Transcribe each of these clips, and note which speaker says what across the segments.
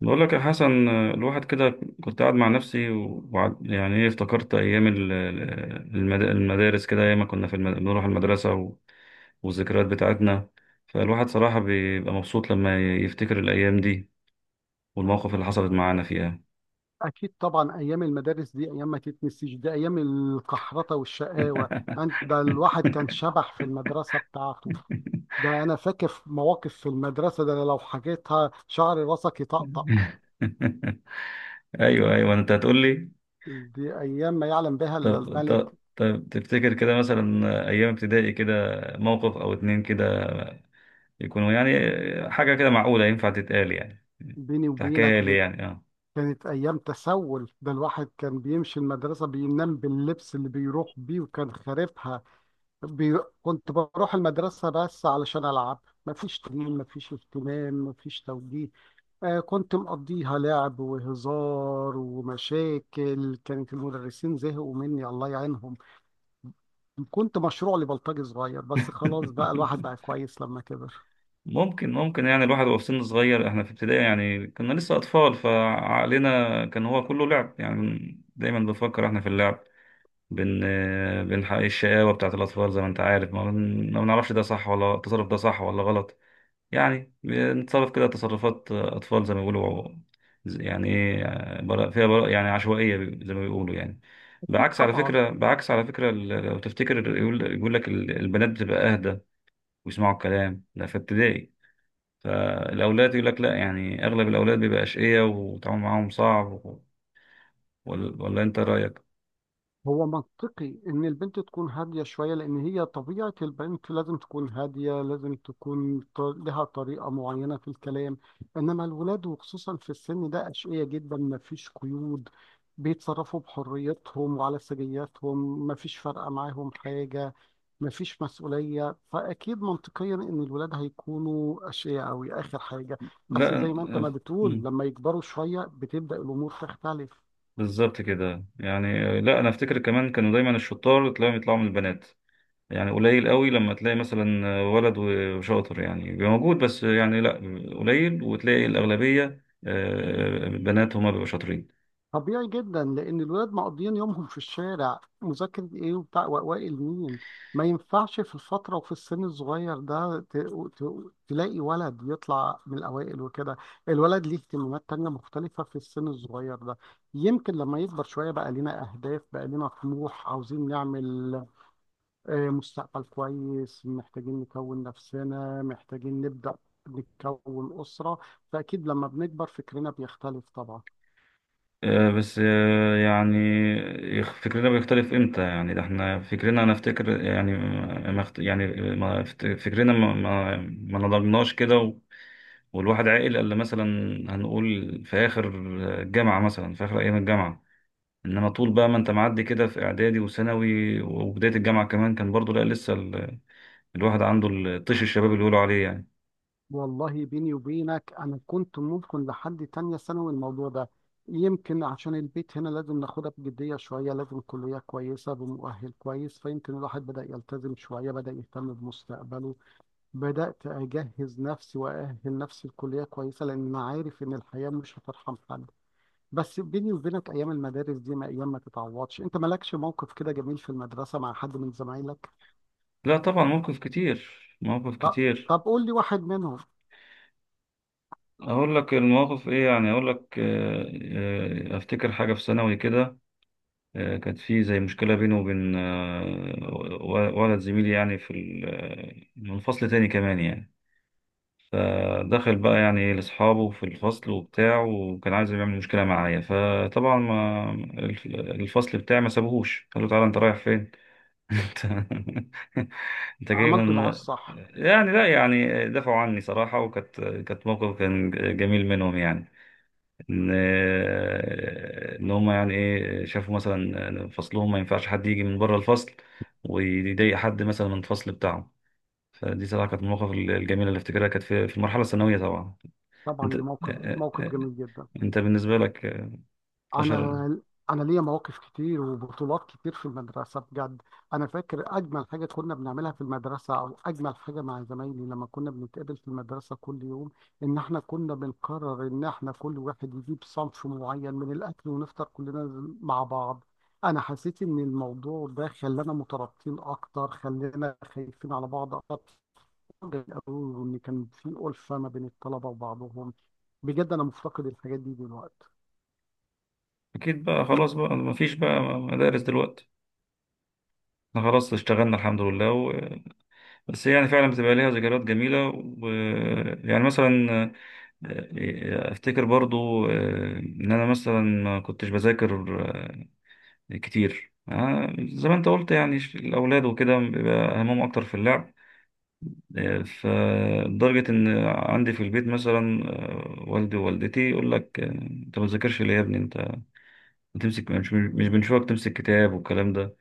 Speaker 1: بقول لك يا حسن، الواحد كده كنت قاعد مع نفسي، وبعد يعني ايه افتكرت ايام المدارس كده، ايام ما كنا في بنروح المدرسه والذكريات بتاعتنا. فالواحد صراحه بيبقى مبسوط لما يفتكر الايام دي والمواقف اللي حصلت معانا فيها.
Speaker 2: أكيد طبعا، أيام المدارس دي أيام ما تتنسيش، دي أيام القحرطة والشقاوة. ده الواحد كان شبح في المدرسة بتاعته. ده أنا فاكر في مواقف في المدرسة، ده لو حكيتها شعر راسك يطقطق.
Speaker 1: ايوه، انت هتقول لي.
Speaker 2: دي أيام ما يعلم بها إلا
Speaker 1: طب
Speaker 2: الملك.
Speaker 1: طب طب تفتكر كده مثلا ايام ابتدائي كده موقف او اتنين كده، يكونوا حاجة كده معقولة ينفع تتقال، يعني
Speaker 2: بيني وبينك
Speaker 1: تحكيها لي،
Speaker 2: دي
Speaker 1: اه.
Speaker 2: كانت أيام تسول، ده الواحد كان بيمشي المدرسة بينام باللبس اللي بيروح بيه وكان خاربها. كنت بروح المدرسة بس علشان ألعب، مفيش تمرين مفيش اهتمام مفيش توجيه. آه، كنت مقضيها لعب وهزار ومشاكل، كانت المدرسين زهقوا مني الله يعينهم. كنت مشروع لبلطجي صغير، بس خلاص بقى الواحد بقى كويس لما كبر.
Speaker 1: ممكن الواحد وهو في سن صغير، احنا في ابتدائي يعني كنا لسه أطفال، فعقلنا كان هو كله لعب، يعني دايما بنفكر احنا في اللعب. بن بنحقق الشقاوة بتاعت الأطفال، زي ما أنت عارف، ما بنعرفش ده صح ولا التصرف ده صح ولا غلط. يعني نتصرف كده تصرفات أطفال زي ما بيقولوا، يعني إيه، براء فيها، براء يعني عشوائية زي ما بيقولوا يعني.
Speaker 2: أكيد
Speaker 1: بعكس على
Speaker 2: طبعا.
Speaker 1: فكرة، بعكس على فكرة لو تفتكر، يقول لك البنات بتبقى أهدى ويسمعوا الكلام ده في ابتدائي. فالأولاد يقول لك لا، يعني أغلب الأولاد بيبقى أشقية والتعامل معاهم صعب ولا أنت رأيك؟
Speaker 2: هو منطقي إن البنت تكون هادية شوية، لأن هي طبيعة البنت لازم تكون هادية، لازم تكون لها طريقة معينة في الكلام. إنما الولاد وخصوصا في السن ده أشقية جدا، مفيش قيود، بيتصرفوا بحريتهم وعلى سجياتهم، مفيش فارقة معاهم حاجة، مفيش مسؤولية. فأكيد منطقيا إن الولاد هيكونوا أشقياء أوي آخر حاجة. بس زي
Speaker 1: لا،
Speaker 2: ما أنت ما بتقول،
Speaker 1: أف-
Speaker 2: لما يكبروا شوية بتبدأ الأمور تختلف.
Speaker 1: بالظبط كده. يعني لا، أنا أفتكر كمان كانوا دايما الشطار تلاقيهم يطلعوا من البنات، يعني قليل قوي لما تلاقي مثلا ولد وشاطر، يعني بيبقى موجود بس يعني لا، قليل، وتلاقي الأغلبية آه، بنات هما بيبقوا شاطرين.
Speaker 2: طبيعي جدا، لأن الولاد مقضيين يومهم في الشارع، مذاكرة إيه وبتاع وأوائل مين. ما ينفعش في الفترة وفي السن الصغير ده تلاقي ولد يطلع من الأوائل وكده. الولد ليه اهتمامات تانية مختلفة في السن الصغير ده. يمكن لما يكبر شوية بقى لنا أهداف، بقى لنا طموح، عاوزين نعمل آه، مستقبل كويس، محتاجين نكون نفسنا، محتاجين نبدأ نكون أسرة. فأكيد لما بنكبر فكرنا بيختلف طبعا.
Speaker 1: آه، بس آه، يعني فكرنا بيختلف امتى؟ يعني ده احنا فكرنا، انا افتكر يعني ما اخت- يعني ما افت- فكرنا ما نضجناش كده، والواحد عاقل الا مثلا، هنقول في اخر الجامعة مثلا، في اخر ايام الجامعة. انما طول بقى ما انت معدي كده في اعدادي وثانوي وبداية الجامعة كمان، كان برضو لا لسه الواحد عنده الطيش، الشباب اللي بيقولوا عليه يعني.
Speaker 2: والله بيني وبينك أنا كنت ممكن لحد تانية ثانوي الموضوع ده، يمكن عشان البيت هنا لازم ناخدها بجدية شوية، لازم كلية كويسة بمؤهل كويس، فيمكن الواحد بدأ يلتزم شوية بدأ يهتم بمستقبله. بدأت أجهز نفسي وأأهل نفسي لكلية كويسة، لأن أنا عارف إن الحياة مش هترحم حد. بس بيني وبينك ايام المدارس دي ما ايام ما تتعوضش، انت مالكش موقف كده جميل في المدرسه مع حد من زمايلك؟
Speaker 1: لا طبعا، موقف كتير، مواقف
Speaker 2: طب،
Speaker 1: كتير.
Speaker 2: طب قول لي واحد منهم.
Speaker 1: اقول لك المواقف ايه؟ يعني اقول لك آه، آه، افتكر حاجه في ثانوي كده. آه، كانت في زي مشكله بيني وبين آه، ولد زميلي، يعني في آه، من فصل تاني كمان يعني. دخل بقى يعني لاصحابه في الفصل وبتاع، وكان عايز يعمل مشكله معايا، فطبعا ما الفصل بتاعي ما سابوهوش، قال له تعالى انت رايح فين؟ انت انت جاي
Speaker 2: عملته معاه
Speaker 1: من؟
Speaker 2: الصح.
Speaker 1: يعني لا، يعني دفعوا عني صراحة، وكانت كانت موقف كان جميل منهم يعني. ان ان هم يعني ايه، شافوا مثلا فصلهم ما ينفعش حد يجي من بره الفصل ويضايق حد مثلا من الفصل بتاعه. فدي صراحة كانت من المواقف الجميلة اللي افتكرها، كانت في في المرحلة الثانوية طبعا. انت،
Speaker 2: طبعا دي موقف، موقف جميل جدا.
Speaker 1: انت بالنسبة لك أشهر.
Speaker 2: انا انا ليا مواقف كتير وبطولات كتير في المدرسه بجد. انا فاكر اجمل حاجه كنا بنعملها في المدرسه، او اجمل حاجه مع زمايلي لما كنا بنتقابل في المدرسه كل يوم، ان احنا كنا بنقرر ان احنا كل واحد يجيب صنف معين من الاكل ونفطر كلنا مع بعض. انا حسيت ان الموضوع ده خلانا مترابطين اكتر، خلانا خايفين على بعض اكتر، وان كان في ألفة ما بين الطلبه وبعضهم. بجد انا مفتقد الحاجات دي دلوقتي.
Speaker 1: أكيد بقى، خلاص بقى ما فيش بقى مدارس دلوقتي، احنا خلاص اشتغلنا الحمد لله. بس هي يعني فعلا بتبقى ليها ذكريات جميلة. و، يعني مثلا آه، أفتكر برضو آه، إن أنا مثلا ما كنتش بذاكر آه، كتير. آه، زي ما أنت قلت يعني، الأولاد وكده بيبقى همهم أكتر في اللعب. آه، فلدرجة إن عندي في البيت مثلا آه، والدي ووالدتي يقول لك آه، أنت ما بتذاكرش ليه يا ابني؟ أنت بتمسك، مش بنشوفك تمسك كتاب والكلام ده.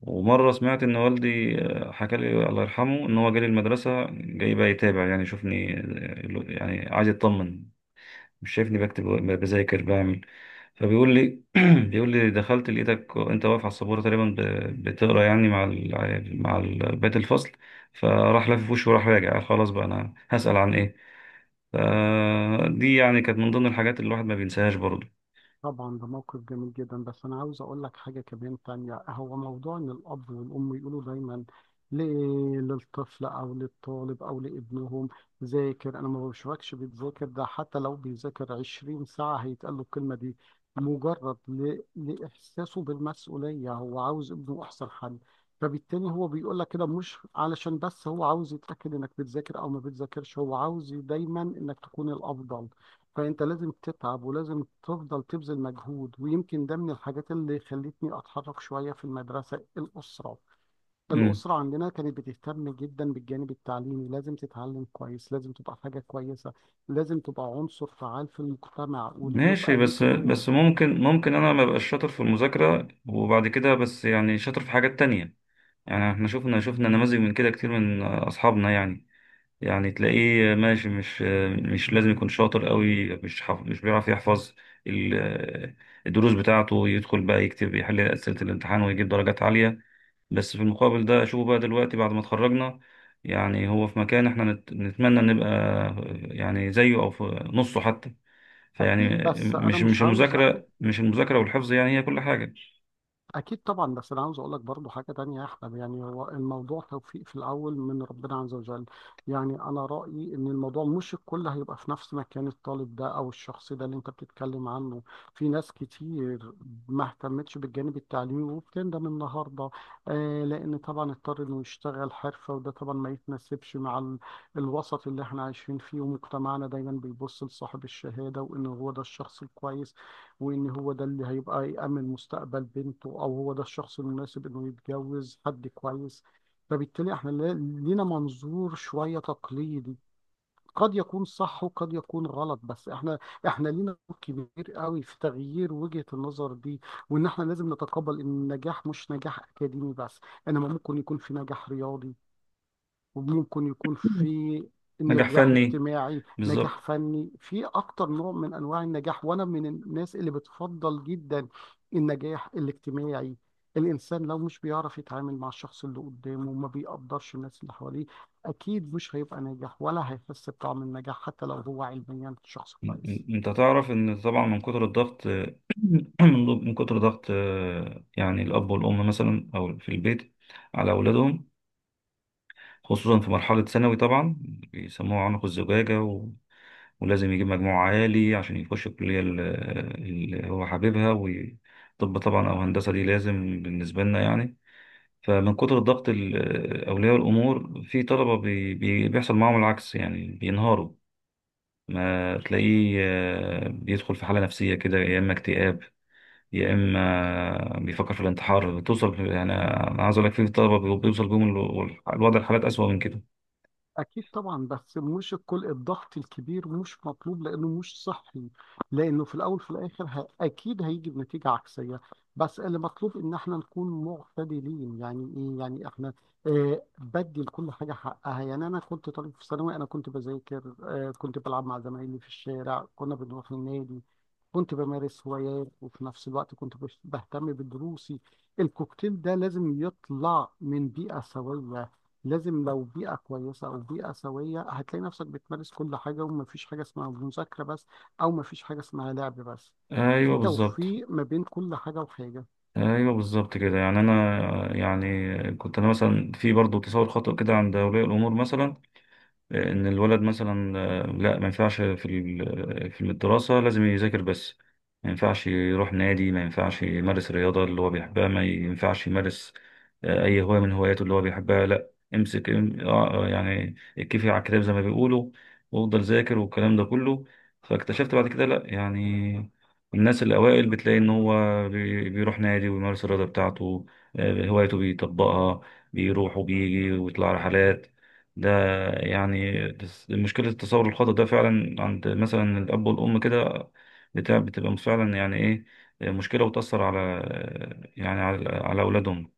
Speaker 1: ومرة سمعت إن والدي آه، حكى لي الله يرحمه، إن هو جالي المدرسة، جاي بقى يتابع، يعني يشوفني آه، يعني عايز يطمن، مش شايفني بكتب، بذاكر، بعمل. فبيقول لي بيقول لي دخلت لقيتك أنت واقف على السبورة تقريبا بتقرا يعني مع مع بقية الفصل. فراح لافف وشه وراح راجع، قال خلاص بقى، أنا هسأل عن إيه. فدي يعني كانت من ضمن الحاجات اللي الواحد ما بينساهاش برضه.
Speaker 2: طبعا ده موقف جميل جدا، بس انا عاوز اقول لك حاجه كمان تانية، هو موضوع ان الاب والام يقولوا دايما ليه للطفل او للطالب او لابنهم ذاكر، انا ما بشوفكش بتذاكر. ده حتى لو بيذاكر 20 ساعه هيتقال له الكلمه دي، مجرد لاحساسه بالمسؤوليه، هو عاوز ابنه احسن حل. فبالتالي هو بيقول لك كده مش علشان بس هو عاوز يتاكد انك بتذاكر او ما بتذاكرش، هو عاوز دايما انك تكون الافضل. فانت لازم تتعب ولازم تفضل تبذل مجهود. ويمكن ده من الحاجات اللي خلتني اتحرك شويه في المدرسه. الاسره عندنا كانت بتهتم جدا بالجانب التعليمي، لازم تتعلم كويس، لازم تبقى حاجه كويسه، لازم تبقى عنصر فعال في المجتمع
Speaker 1: ماشي،
Speaker 2: وليبقى
Speaker 1: بس
Speaker 2: ليك دور.
Speaker 1: بس ممكن انا ما بقاش شاطر في المذاكره وبعد كده، بس يعني شاطر في حاجات تانية. يعني احنا شفنا نماذج من كده كتير من اصحابنا يعني. يعني تلاقيه ماشي، مش لازم يكون شاطر قوي، مش بيعرف يحفظ ال- الدروس بتاعته. يدخل بقى يكتب يحل اسئله الامتحان ويجيب درجات عاليه. بس في المقابل ده اشوفه بقى دلوقتي بعد ما اتخرجنا، يعني هو في مكان احنا نتمنى نبقى يعني زيه او في نصه حتى. فيعني
Speaker 2: اكيد، بس انا
Speaker 1: مش
Speaker 2: مش
Speaker 1: مش
Speaker 2: عاوز.
Speaker 1: المذاكرة، مش المذاكرة والحفظ يعني هي كل حاجة.
Speaker 2: اكيد طبعا، بس انا عاوز اقول لك برضو حاجه تانية يا احمد، يعني هو الموضوع توفيق في الاول من ربنا عز وجل. يعني انا رايي ان الموضوع مش الكل هيبقى في نفس مكان الطالب ده او الشخص ده اللي انت بتتكلم عنه. في ناس كتير ما اهتمتش بالجانب التعليمي وبتندم النهارده. آه، لان طبعا اضطر انه يشتغل حرفه، وده طبعا ما يتناسبش مع الوسط اللي احنا عايشين فيه، ومجتمعنا دايما بيبص لصاحب الشهاده وان هو ده الشخص الكويس، وإن هو ده اللي هيبقى يأمن مستقبل بنته، أو هو ده الشخص المناسب إنه يتجوز حد كويس. فبالتالي إحنا لينا منظور شوية تقليدي، قد يكون صح وقد يكون غلط. بس إحنا لينا دور كبير قوي في تغيير وجهة النظر دي، وإن إحنا لازم نتقبل إن النجاح مش نجاح أكاديمي بس، إنما ممكن يكون في نجاح رياضي، وممكن يكون
Speaker 1: مم.
Speaker 2: في
Speaker 1: نجاح
Speaker 2: نجاح
Speaker 1: فني.
Speaker 2: اجتماعي، نجاح
Speaker 1: بالظبط.
Speaker 2: فني، في اكتر نوع من انواع النجاح. وانا من الناس اللي بتفضل جدا النجاح الاجتماعي. الانسان لو مش بيعرف يتعامل مع الشخص اللي قدامه وما بيقدرش الناس اللي حواليه، اكيد مش هيبقى ناجح ولا هيحس بطعم النجاح حتى لو هو علميا شخص
Speaker 1: م-
Speaker 2: كويس.
Speaker 1: انت تعرف ان طبعا من كتر الضغط، مم. من كتر ضغط آه، يعني الاب والام مثلا، او في البيت على اولادهم، خصوصا في مرحله ثانوي طبعا، بيسموها عنق الزجاجه ولازم يجيب مجموع عالي عشان يخش الكليه اللي هو حاببها، وطب طبعا او هندسه دي لازم بالنسبه لنا يعني. فمن كتر الضغط أولياء الأمور، في طلبة بيحصل معاهم العكس يعني، بينهاروا. ما تلاقيه آه، بيدخل في حالة نفسية كده، يا إما اكتئاب يا إما بيفكر في الانتحار. توصل يعني، أنا عايز أقول لك في طلبة بيوصل بيهم الوضع، الحالات أسوأ من كده.
Speaker 2: أكيد طبعا، بس مش الكل. الضغط الكبير مش مطلوب لأنه مش صحي، لأنه في الأول في الآخر أكيد هيجي بنتيجة عكسية. بس اللي مطلوب إن إحنا نكون معتدلين. يعني إيه؟ يعني إحنا آه، بدي لكل حاجة حقها. يعني أنا كنت طالب في ثانوي، أنا كنت بذاكر آه، كنت بلعب مع زمايلي في الشارع، كنا بنروح النادي، كنت بمارس هوايات، وفي نفس الوقت كنت بهتم بدروسي. الكوكتيل ده لازم يطلع من بيئة سوية، لازم. لو بيئة كويسة أو بيئة سوية هتلاقي نفسك بتمارس كل حاجة، ومفيش حاجة اسمها مذاكرة بس، أو مفيش حاجة اسمها لعب بس.
Speaker 1: أيوه
Speaker 2: في
Speaker 1: بالظبط.
Speaker 2: توفيق ما بين كل حاجة وحاجة.
Speaker 1: أيوه بالظبط كده. يعني أنا يعني كنت أنا مثلا، في برضه تصور خاطئ كده عند أولياء الأمور مثلا، ان الولد مثلا آه، لا ما ينفعش، في في الدراسة لازم يذاكر بس، ما ينفعش يروح نادي، ما ينفعش يمارس رياضة اللي هو بيحبها، ما ينفعش يمارس آه، اي هواية من هواياته اللي هو بيحبها، لا امسك، آه، آه، يعني اتكفي على الكتاب زي ما بيقولوا، وافضل ذاكر والكلام ده كله. فاكتشفت بعد كده لا يعني الناس الأوائل بتلاقي إن هو بيروح نادي ويمارس الرياضة بتاعته. آه، هوايته بيطبقها، بيروح وبيجي ويطلع رحلات ده. يعني بس مشكلة التصور الخاطئ ده فعلا عند مثلا الأب والأم كده بتاع، بتبقى فعلا يعني إيه، مشكلة وتأثر على، يعني على على أولادهم.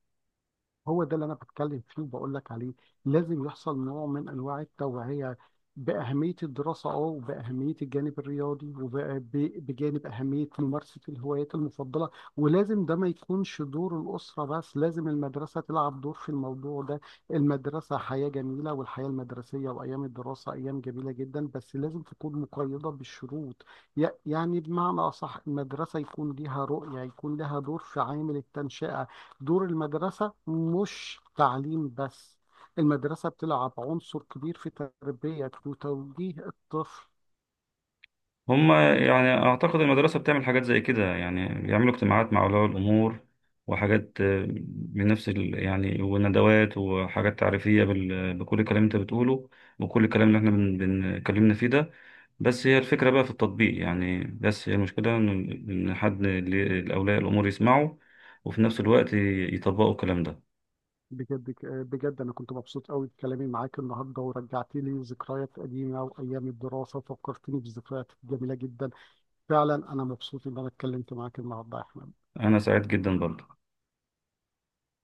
Speaker 2: هو ده اللي انا بتكلم فيه وبقول لك عليه. لازم يحصل نوع من انواع التوعيه باهميه الدراسه، اه، وباهميه الجانب الرياضي، وبجانب اهميه ممارسه الهوايات المفضله. ولازم ده ما يكونش دور الاسره بس، لازم المدرسه تلعب دور في الموضوع ده. المدرسه حياه جميله، والحياه المدرسيه وايام الدراسه ايام جميله جدا، بس لازم تكون مقيده بالشروط. يعني بمعنى اصح المدرسه يكون ليها رؤيه، يكون لها دور في عامل التنشئه. دور المدرسة مش تعليم بس، المدرسة بتلعب عنصر كبير في تربية وتوجيه الطفل.
Speaker 1: هما يعني أعتقد المدرسة بتعمل حاجات زي كده يعني، بيعملوا اجتماعات مع أولياء الأمور وحاجات آه، بنفس يعني، وندوات وحاجات تعريفية بكل الكلام اللي أنت بتقوله وكل الكلام اللي إحنا بنتكلمنا فيه ده. بس هي الفكرة بقى في التطبيق يعني، بس هي المشكلة إن، إن حد الأولياء الأمور يسمعوا وفي نفس الوقت يطبقوا الكلام ده.
Speaker 2: بجد بجد أنا كنت مبسوط قوي بكلامي معاك النهاردة، ورجعت لي ذكريات قديمة وأيام الدراسة، وفكرتني بذكريات جميلة جدا. فعلا أنا مبسوط إن أنا اتكلمت معاك النهاردة يا أحمد.
Speaker 1: أنا سعيد جدا برضه.